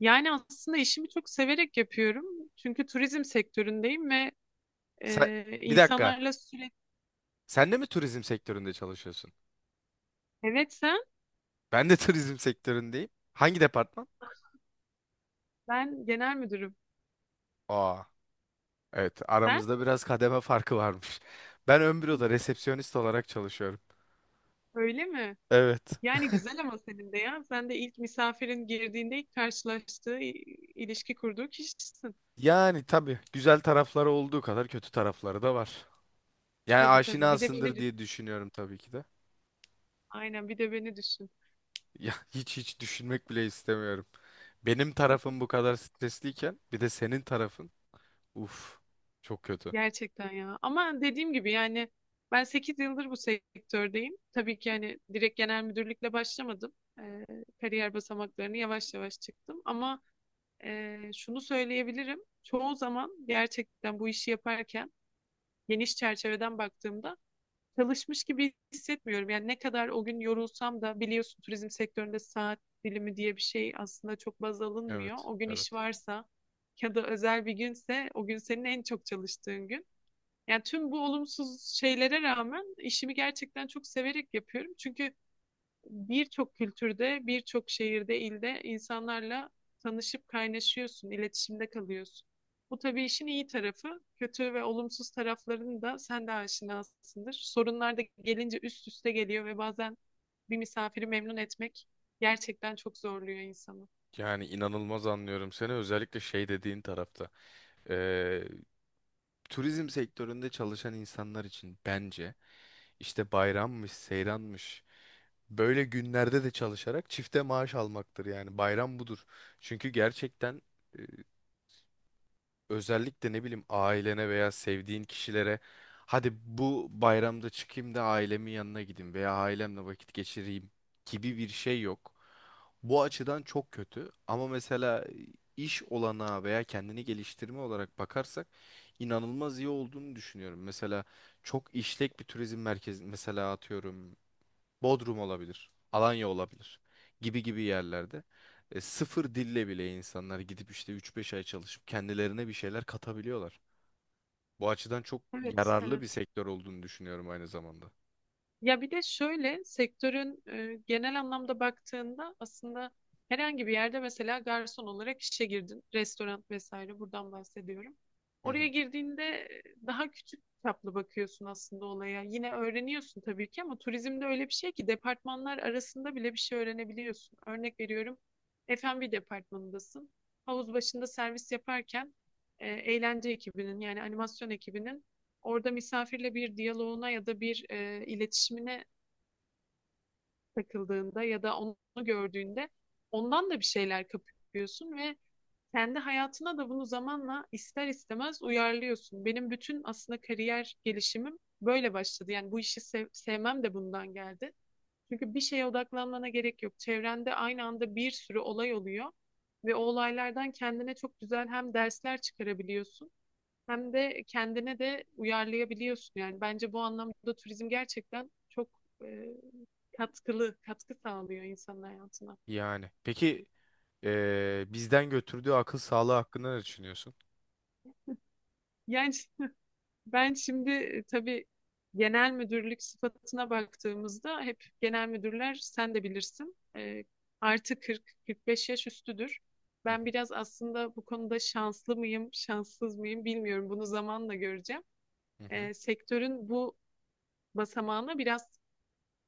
Yani aslında işimi çok severek yapıyorum. Çünkü turizm sektöründeyim ve Sen, bir dakika. insanlarla sürekli. Sen de mi turizm sektöründe çalışıyorsun? Evet, Ben de turizm sektöründeyim. Hangi departman? ben genel müdürüm. Aa, evet Sen aramızda biraz kademe farkı varmış. Ben ön büroda resepsiyonist olarak çalışıyorum. öyle mi? Evet. Yani güzel ama senin de ya. Sen de ilk misafirin girdiğinde ilk karşılaştığı, ilişki kurduğu kişisin. Yani tabii güzel tarafları olduğu kadar kötü tarafları da var. Yani Tabii tabii. Bir de beni aşinasındır düşün. diye düşünüyorum tabii ki de. Aynen bir de beni düşün. Ya hiç düşünmek bile istemiyorum. Benim tarafım bu kadar stresliyken bir de senin tarafın. Uf, çok kötü. Gerçekten ya. Ama dediğim gibi yani ben 8 yıldır bu sektördeyim. Tabii ki yani direkt genel müdürlükle başlamadım. Ee, Kariyer basamaklarını yavaş yavaş çıktım. Ama şunu söyleyebilirim. Çoğu zaman gerçekten bu işi yaparken geniş çerçeveden baktığımda çalışmış gibi hissetmiyorum. Yani ne kadar o gün yorulsam da biliyorsun turizm sektöründe saat dilimi diye bir şey aslında çok baz alınmıyor. Evet, O gün iş evet. varsa ya da özel bir günse o gün senin en çok çalıştığın gün. Yani tüm bu olumsuz şeylere rağmen işimi gerçekten çok severek yapıyorum. Çünkü birçok kültürde, birçok şehirde, ilde insanlarla tanışıp kaynaşıyorsun, iletişimde kalıyorsun. Bu tabii işin iyi tarafı. Kötü ve olumsuz taraflarını da sen de aşinasındır. Sorunlar da gelince üst üste geliyor ve bazen bir misafiri memnun etmek gerçekten çok zorluyor insanı. Yani inanılmaz anlıyorum seni özellikle şey dediğin tarafta. Ee, turizm sektöründe çalışan insanlar için bence işte bayrammış, seyranmış böyle günlerde de çalışarak çifte maaş almaktır yani bayram budur. Çünkü gerçekten özellikle ne bileyim ailene veya sevdiğin kişilere hadi bu bayramda çıkayım da ailemin yanına gideyim veya ailemle vakit geçireyim gibi bir şey yok. Bu açıdan çok kötü ama mesela iş olanağı veya kendini geliştirme olarak bakarsak inanılmaz iyi olduğunu düşünüyorum. Mesela çok işlek bir turizm merkezi mesela atıyorum Bodrum olabilir, Alanya olabilir gibi gibi yerlerde sıfır dille bile insanlar gidip işte üç beş ay çalışıp kendilerine bir şeyler katabiliyorlar. Bu açıdan çok Evet, yararlı bir evet. sektör olduğunu düşünüyorum aynı zamanda. Ya bir de şöyle sektörün genel anlamda baktığında aslında herhangi bir yerde mesela garson olarak işe girdin. Restoran vesaire buradan bahsediyorum. Hı Oraya hı. girdiğinde daha küçük çaplı bakıyorsun aslında olaya. Yine öğreniyorsun tabii ki ama turizmde öyle bir şey ki departmanlar arasında bile bir şey öğrenebiliyorsun. Örnek veriyorum, F&B departmanındasın. Havuz başında servis yaparken eğlence ekibinin yani animasyon ekibinin orada misafirle bir diyaloğuna ya da bir iletişimine takıldığında ya da onu gördüğünde ondan da bir şeyler kapıyorsun ve kendi hayatına da bunu zamanla ister istemez uyarlıyorsun. Benim bütün aslında kariyer gelişimim böyle başladı. Yani bu işi sevmem de bundan geldi. Çünkü bir şeye odaklanmana gerek yok. Çevrende aynı anda bir sürü olay oluyor ve o olaylardan kendine çok güzel hem dersler çıkarabiliyorsun hem de kendine de uyarlayabiliyorsun. Yani bence bu anlamda turizm gerçekten çok e, katkılı, katkı sağlıyor insanın hayatına. Yani peki bizden götürdüğü akıl sağlığı hakkında ne düşünüyorsun? Yani ben şimdi tabii genel müdürlük sıfatına baktığımızda hep genel müdürler sen de bilirsin, artı 40-45 yaş üstüdür. Hı hı. Ben biraz aslında bu konuda şanslı mıyım, şanssız mıyım bilmiyorum. Bunu zamanla göreceğim. Hı hı. Sektörün bu basamağına biraz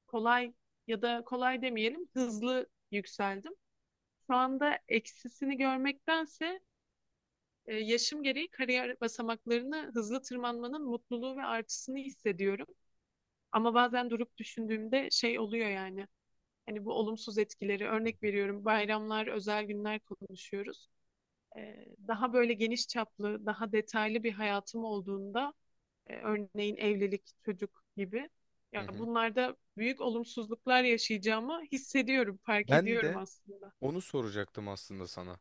kolay ya da kolay demeyelim, hızlı yükseldim. Şu anda eksisini görmektense yaşım gereği kariyer basamaklarını hızlı tırmanmanın mutluluğu ve artısını hissediyorum. Ama bazen durup düşündüğümde şey oluyor yani. Hani bu olumsuz etkileri örnek veriyorum. Bayramlar, özel günler konuşuyoruz. Daha böyle geniş çaplı, daha detaylı bir hayatım olduğunda, örneğin evlilik, çocuk gibi. Hı Ya hı. bunlarda büyük olumsuzluklar yaşayacağımı hissediyorum, fark Ben ediyorum de aslında. onu soracaktım aslında sana.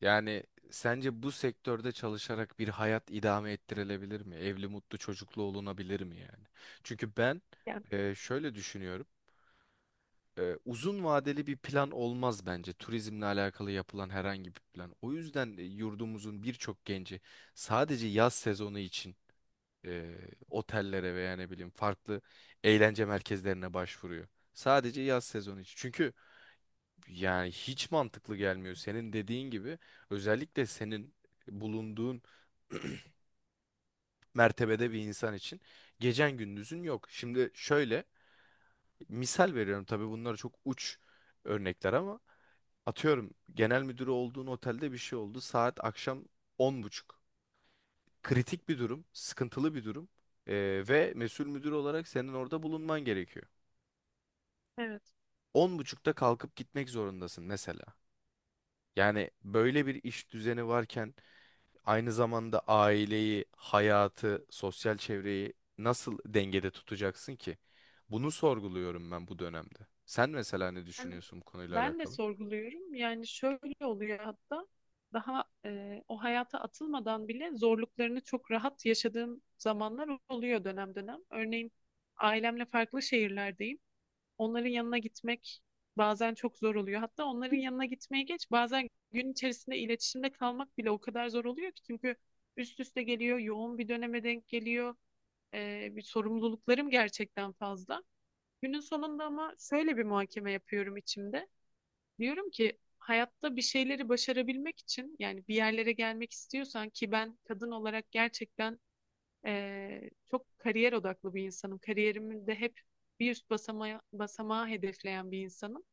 Yani sence bu sektörde çalışarak bir hayat idame ettirilebilir mi? Evli, mutlu, çocuklu olunabilir mi yani? Çünkü ben Yani şöyle düşünüyorum. Uzun vadeli bir plan olmaz bence turizmle alakalı yapılan herhangi bir plan. O yüzden yurdumuzun birçok genci sadece yaz sezonu için e, otellere veya ne bileyim farklı eğlence merkezlerine başvuruyor. Sadece yaz sezonu için. Çünkü yani hiç mantıklı gelmiyor. Senin dediğin gibi özellikle senin bulunduğun mertebede bir insan için gecen gündüzün yok. Şimdi şöyle misal veriyorum, tabii bunlar çok uç örnekler ama atıyorum genel müdürü olduğun otelde bir şey oldu. Saat akşam 10.30. Kritik bir durum, sıkıntılı bir durum. Ee, Ve mesul müdür olarak senin orada bulunman gerekiyor. evet. 10.30'da kalkıp gitmek zorundasın mesela. Yani böyle bir iş düzeni varken aynı zamanda aileyi, hayatı, sosyal çevreyi nasıl dengede tutacaksın ki? Bunu sorguluyorum ben bu dönemde. Sen mesela ne Ben, düşünüyorsun bu konuyla ben de alakalı? sorguluyorum. Yani şöyle oluyor, hatta daha o hayata atılmadan bile zorluklarını çok rahat yaşadığım zamanlar oluyor dönem dönem. Örneğin ailemle farklı şehirlerdeyim. Onların yanına gitmek bazen çok zor oluyor. Hatta onların yanına gitmeye geç, bazen gün içerisinde iletişimde kalmak bile o kadar zor oluyor ki, çünkü üst üste geliyor, yoğun bir döneme denk geliyor. Bir sorumluluklarım gerçekten fazla. Günün sonunda ama şöyle bir muhakeme yapıyorum içimde. Diyorum ki hayatta bir şeyleri başarabilmek için, yani bir yerlere gelmek istiyorsan, ki ben kadın olarak gerçekten çok kariyer odaklı bir insanım. Kariyerimi de hep bir üst basamağa, basamağı hedefleyen bir insanım.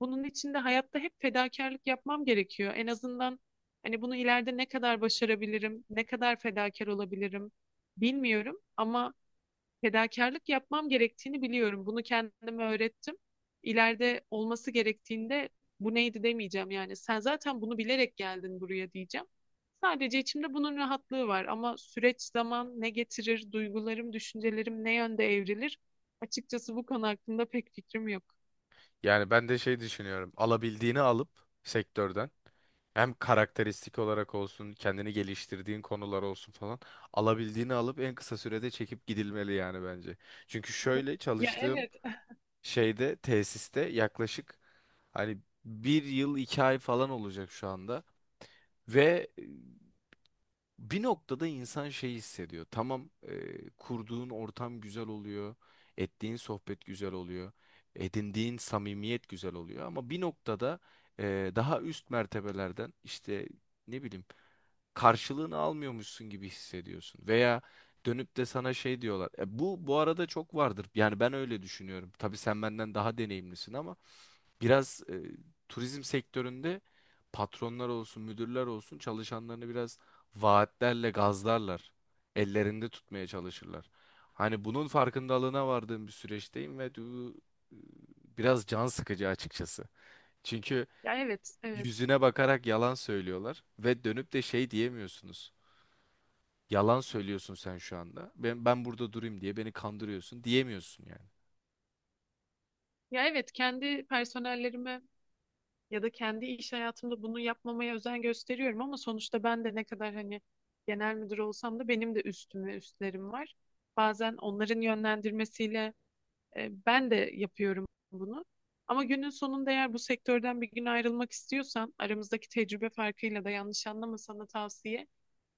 Bunun için de hayatta hep fedakarlık yapmam gerekiyor. En azından hani bunu ileride ne kadar başarabilirim, ne kadar fedakar olabilirim bilmiyorum ama fedakarlık yapmam gerektiğini biliyorum. Bunu kendime öğrettim. İleride olması gerektiğinde bu neydi demeyeceğim yani. Sen zaten bunu bilerek geldin buraya diyeceğim. Sadece içimde bunun rahatlığı var ama süreç zaman ne getirir, duygularım, düşüncelerim ne yönde evrilir? Açıkçası bu konu hakkında pek fikrim yok. Yani ben de şey düşünüyorum. Alabildiğini alıp sektörden hem karakteristik olarak olsun, kendini geliştirdiğin konular olsun falan alabildiğini alıp en kısa sürede çekip gidilmeli yani bence. Çünkü şöyle Ya çalıştığım evet. şeyde, tesiste yaklaşık hani 1 yıl 2 ay falan olacak şu anda. Ve bir noktada insan şey hissediyor. Tamam, kurduğun ortam güzel oluyor, ettiğin sohbet güzel oluyor, edindiğin samimiyet güzel oluyor. Ama bir noktada daha üst mertebelerden işte ne bileyim karşılığını almıyormuşsun gibi hissediyorsun. Veya dönüp de sana şey diyorlar. E, bu arada çok vardır. Yani ben öyle düşünüyorum. Tabii sen benden daha deneyimlisin ama biraz turizm sektöründe patronlar olsun, müdürler olsun çalışanlarını biraz vaatlerle gazlarlar. Ellerinde tutmaya çalışırlar. Hani bunun farkındalığına vardığım bir süreçteyim ve bu e, biraz can sıkıcı açıkçası. Çünkü Ya evet, evet. yüzüne bakarak yalan söylüyorlar ve dönüp de şey diyemiyorsunuz. Yalan söylüyorsun sen şu anda. Ben burada durayım diye beni kandırıyorsun diyemiyorsun yani. Ya evet, kendi personellerime ya da kendi iş hayatımda bunu yapmamaya özen gösteriyorum ama sonuçta ben de ne kadar hani genel müdür olsam da benim de üstüm ve üstlerim var. Bazen onların yönlendirmesiyle ben de yapıyorum bunu. Ama günün sonunda eğer bu sektörden bir gün ayrılmak istiyorsan, aramızdaki tecrübe farkıyla da yanlış anlama, sana tavsiye.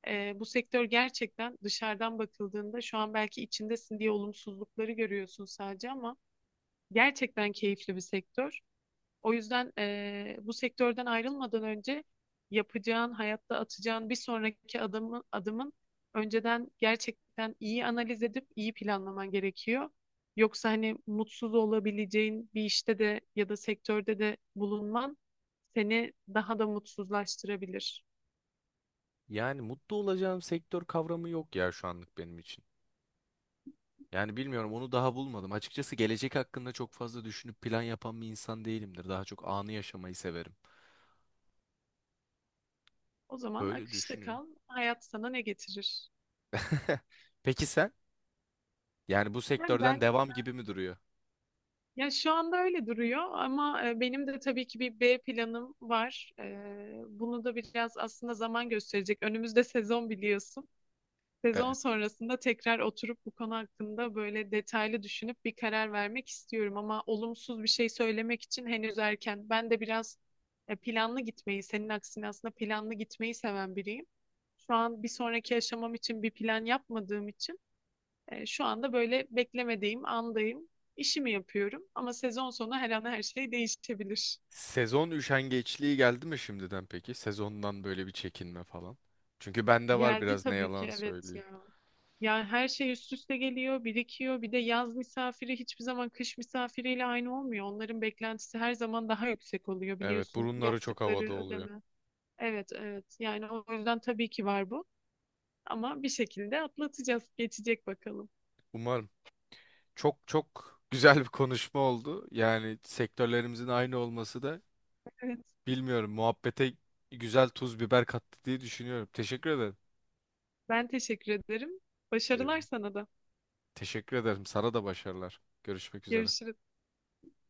Bu sektör gerçekten dışarıdan bakıldığında, şu an belki içindesin diye olumsuzlukları görüyorsun sadece ama gerçekten keyifli bir sektör. O yüzden bu sektörden ayrılmadan önce yapacağın, hayatta atacağın bir sonraki adımı, adımın önceden gerçekten iyi analiz edip iyi planlaman gerekiyor. Yoksa hani mutsuz olabileceğin bir işte de ya da sektörde de bulunman seni daha da mutsuzlaştırabilir. Yani mutlu olacağım sektör kavramı yok ya şu anlık benim için. Yani bilmiyorum, onu daha bulmadım. Açıkçası gelecek hakkında çok fazla düşünüp plan yapan bir insan değilimdir. Daha çok anı yaşamayı severim. O zaman Böyle akışta düşünüyorum. kal, hayat sana ne getirir? Peki sen? Yani bu sektörden devam gibi mi duruyor? Ya şu anda öyle duruyor ama benim de tabii ki bir B planım var. Bunu da biraz aslında zaman gösterecek. Önümüzde sezon, biliyorsun. Sezon Evet. sonrasında tekrar oturup bu konu hakkında böyle detaylı düşünüp bir karar vermek istiyorum ama olumsuz bir şey söylemek için henüz erken. Ben de biraz planlı gitmeyi, senin aksine aslında planlı gitmeyi seven biriyim. Şu an bir sonraki aşamam için bir plan yapmadığım için şu anda böyle beklemediğim andayım. İşimi yapıyorum ama sezon sonu her an her şey değişebilir. Sezon üşengeçliği geldi mi şimdiden peki? Sezondan böyle bir çekinme falan. Çünkü bende var Geldi biraz, ne tabii ki, yalan evet söyleyeyim. ya. Yani her şey üst üste geliyor, birikiyor. Bir de yaz misafiri hiçbir zaman kış misafiriyle aynı olmuyor. Onların beklentisi her zaman daha yüksek oluyor, Evet, biliyorsun burunları çok havada yaptıkları oluyor. ödeme. Evet, evet, yani o yüzden tabii ki var bu. Ama bir şekilde atlatacağız, geçecek bakalım. Umarım. Çok çok güzel bir konuşma oldu. Yani sektörlerimizin aynı olması da Evet, bilmiyorum muhabbete güzel tuz biber kattı diye düşünüyorum. Teşekkür ederim. ben teşekkür ederim. Ee, Başarılar sana da. Teşekkür ederim. Sana da başarılar. Görüşmek üzere. Görüşürüz.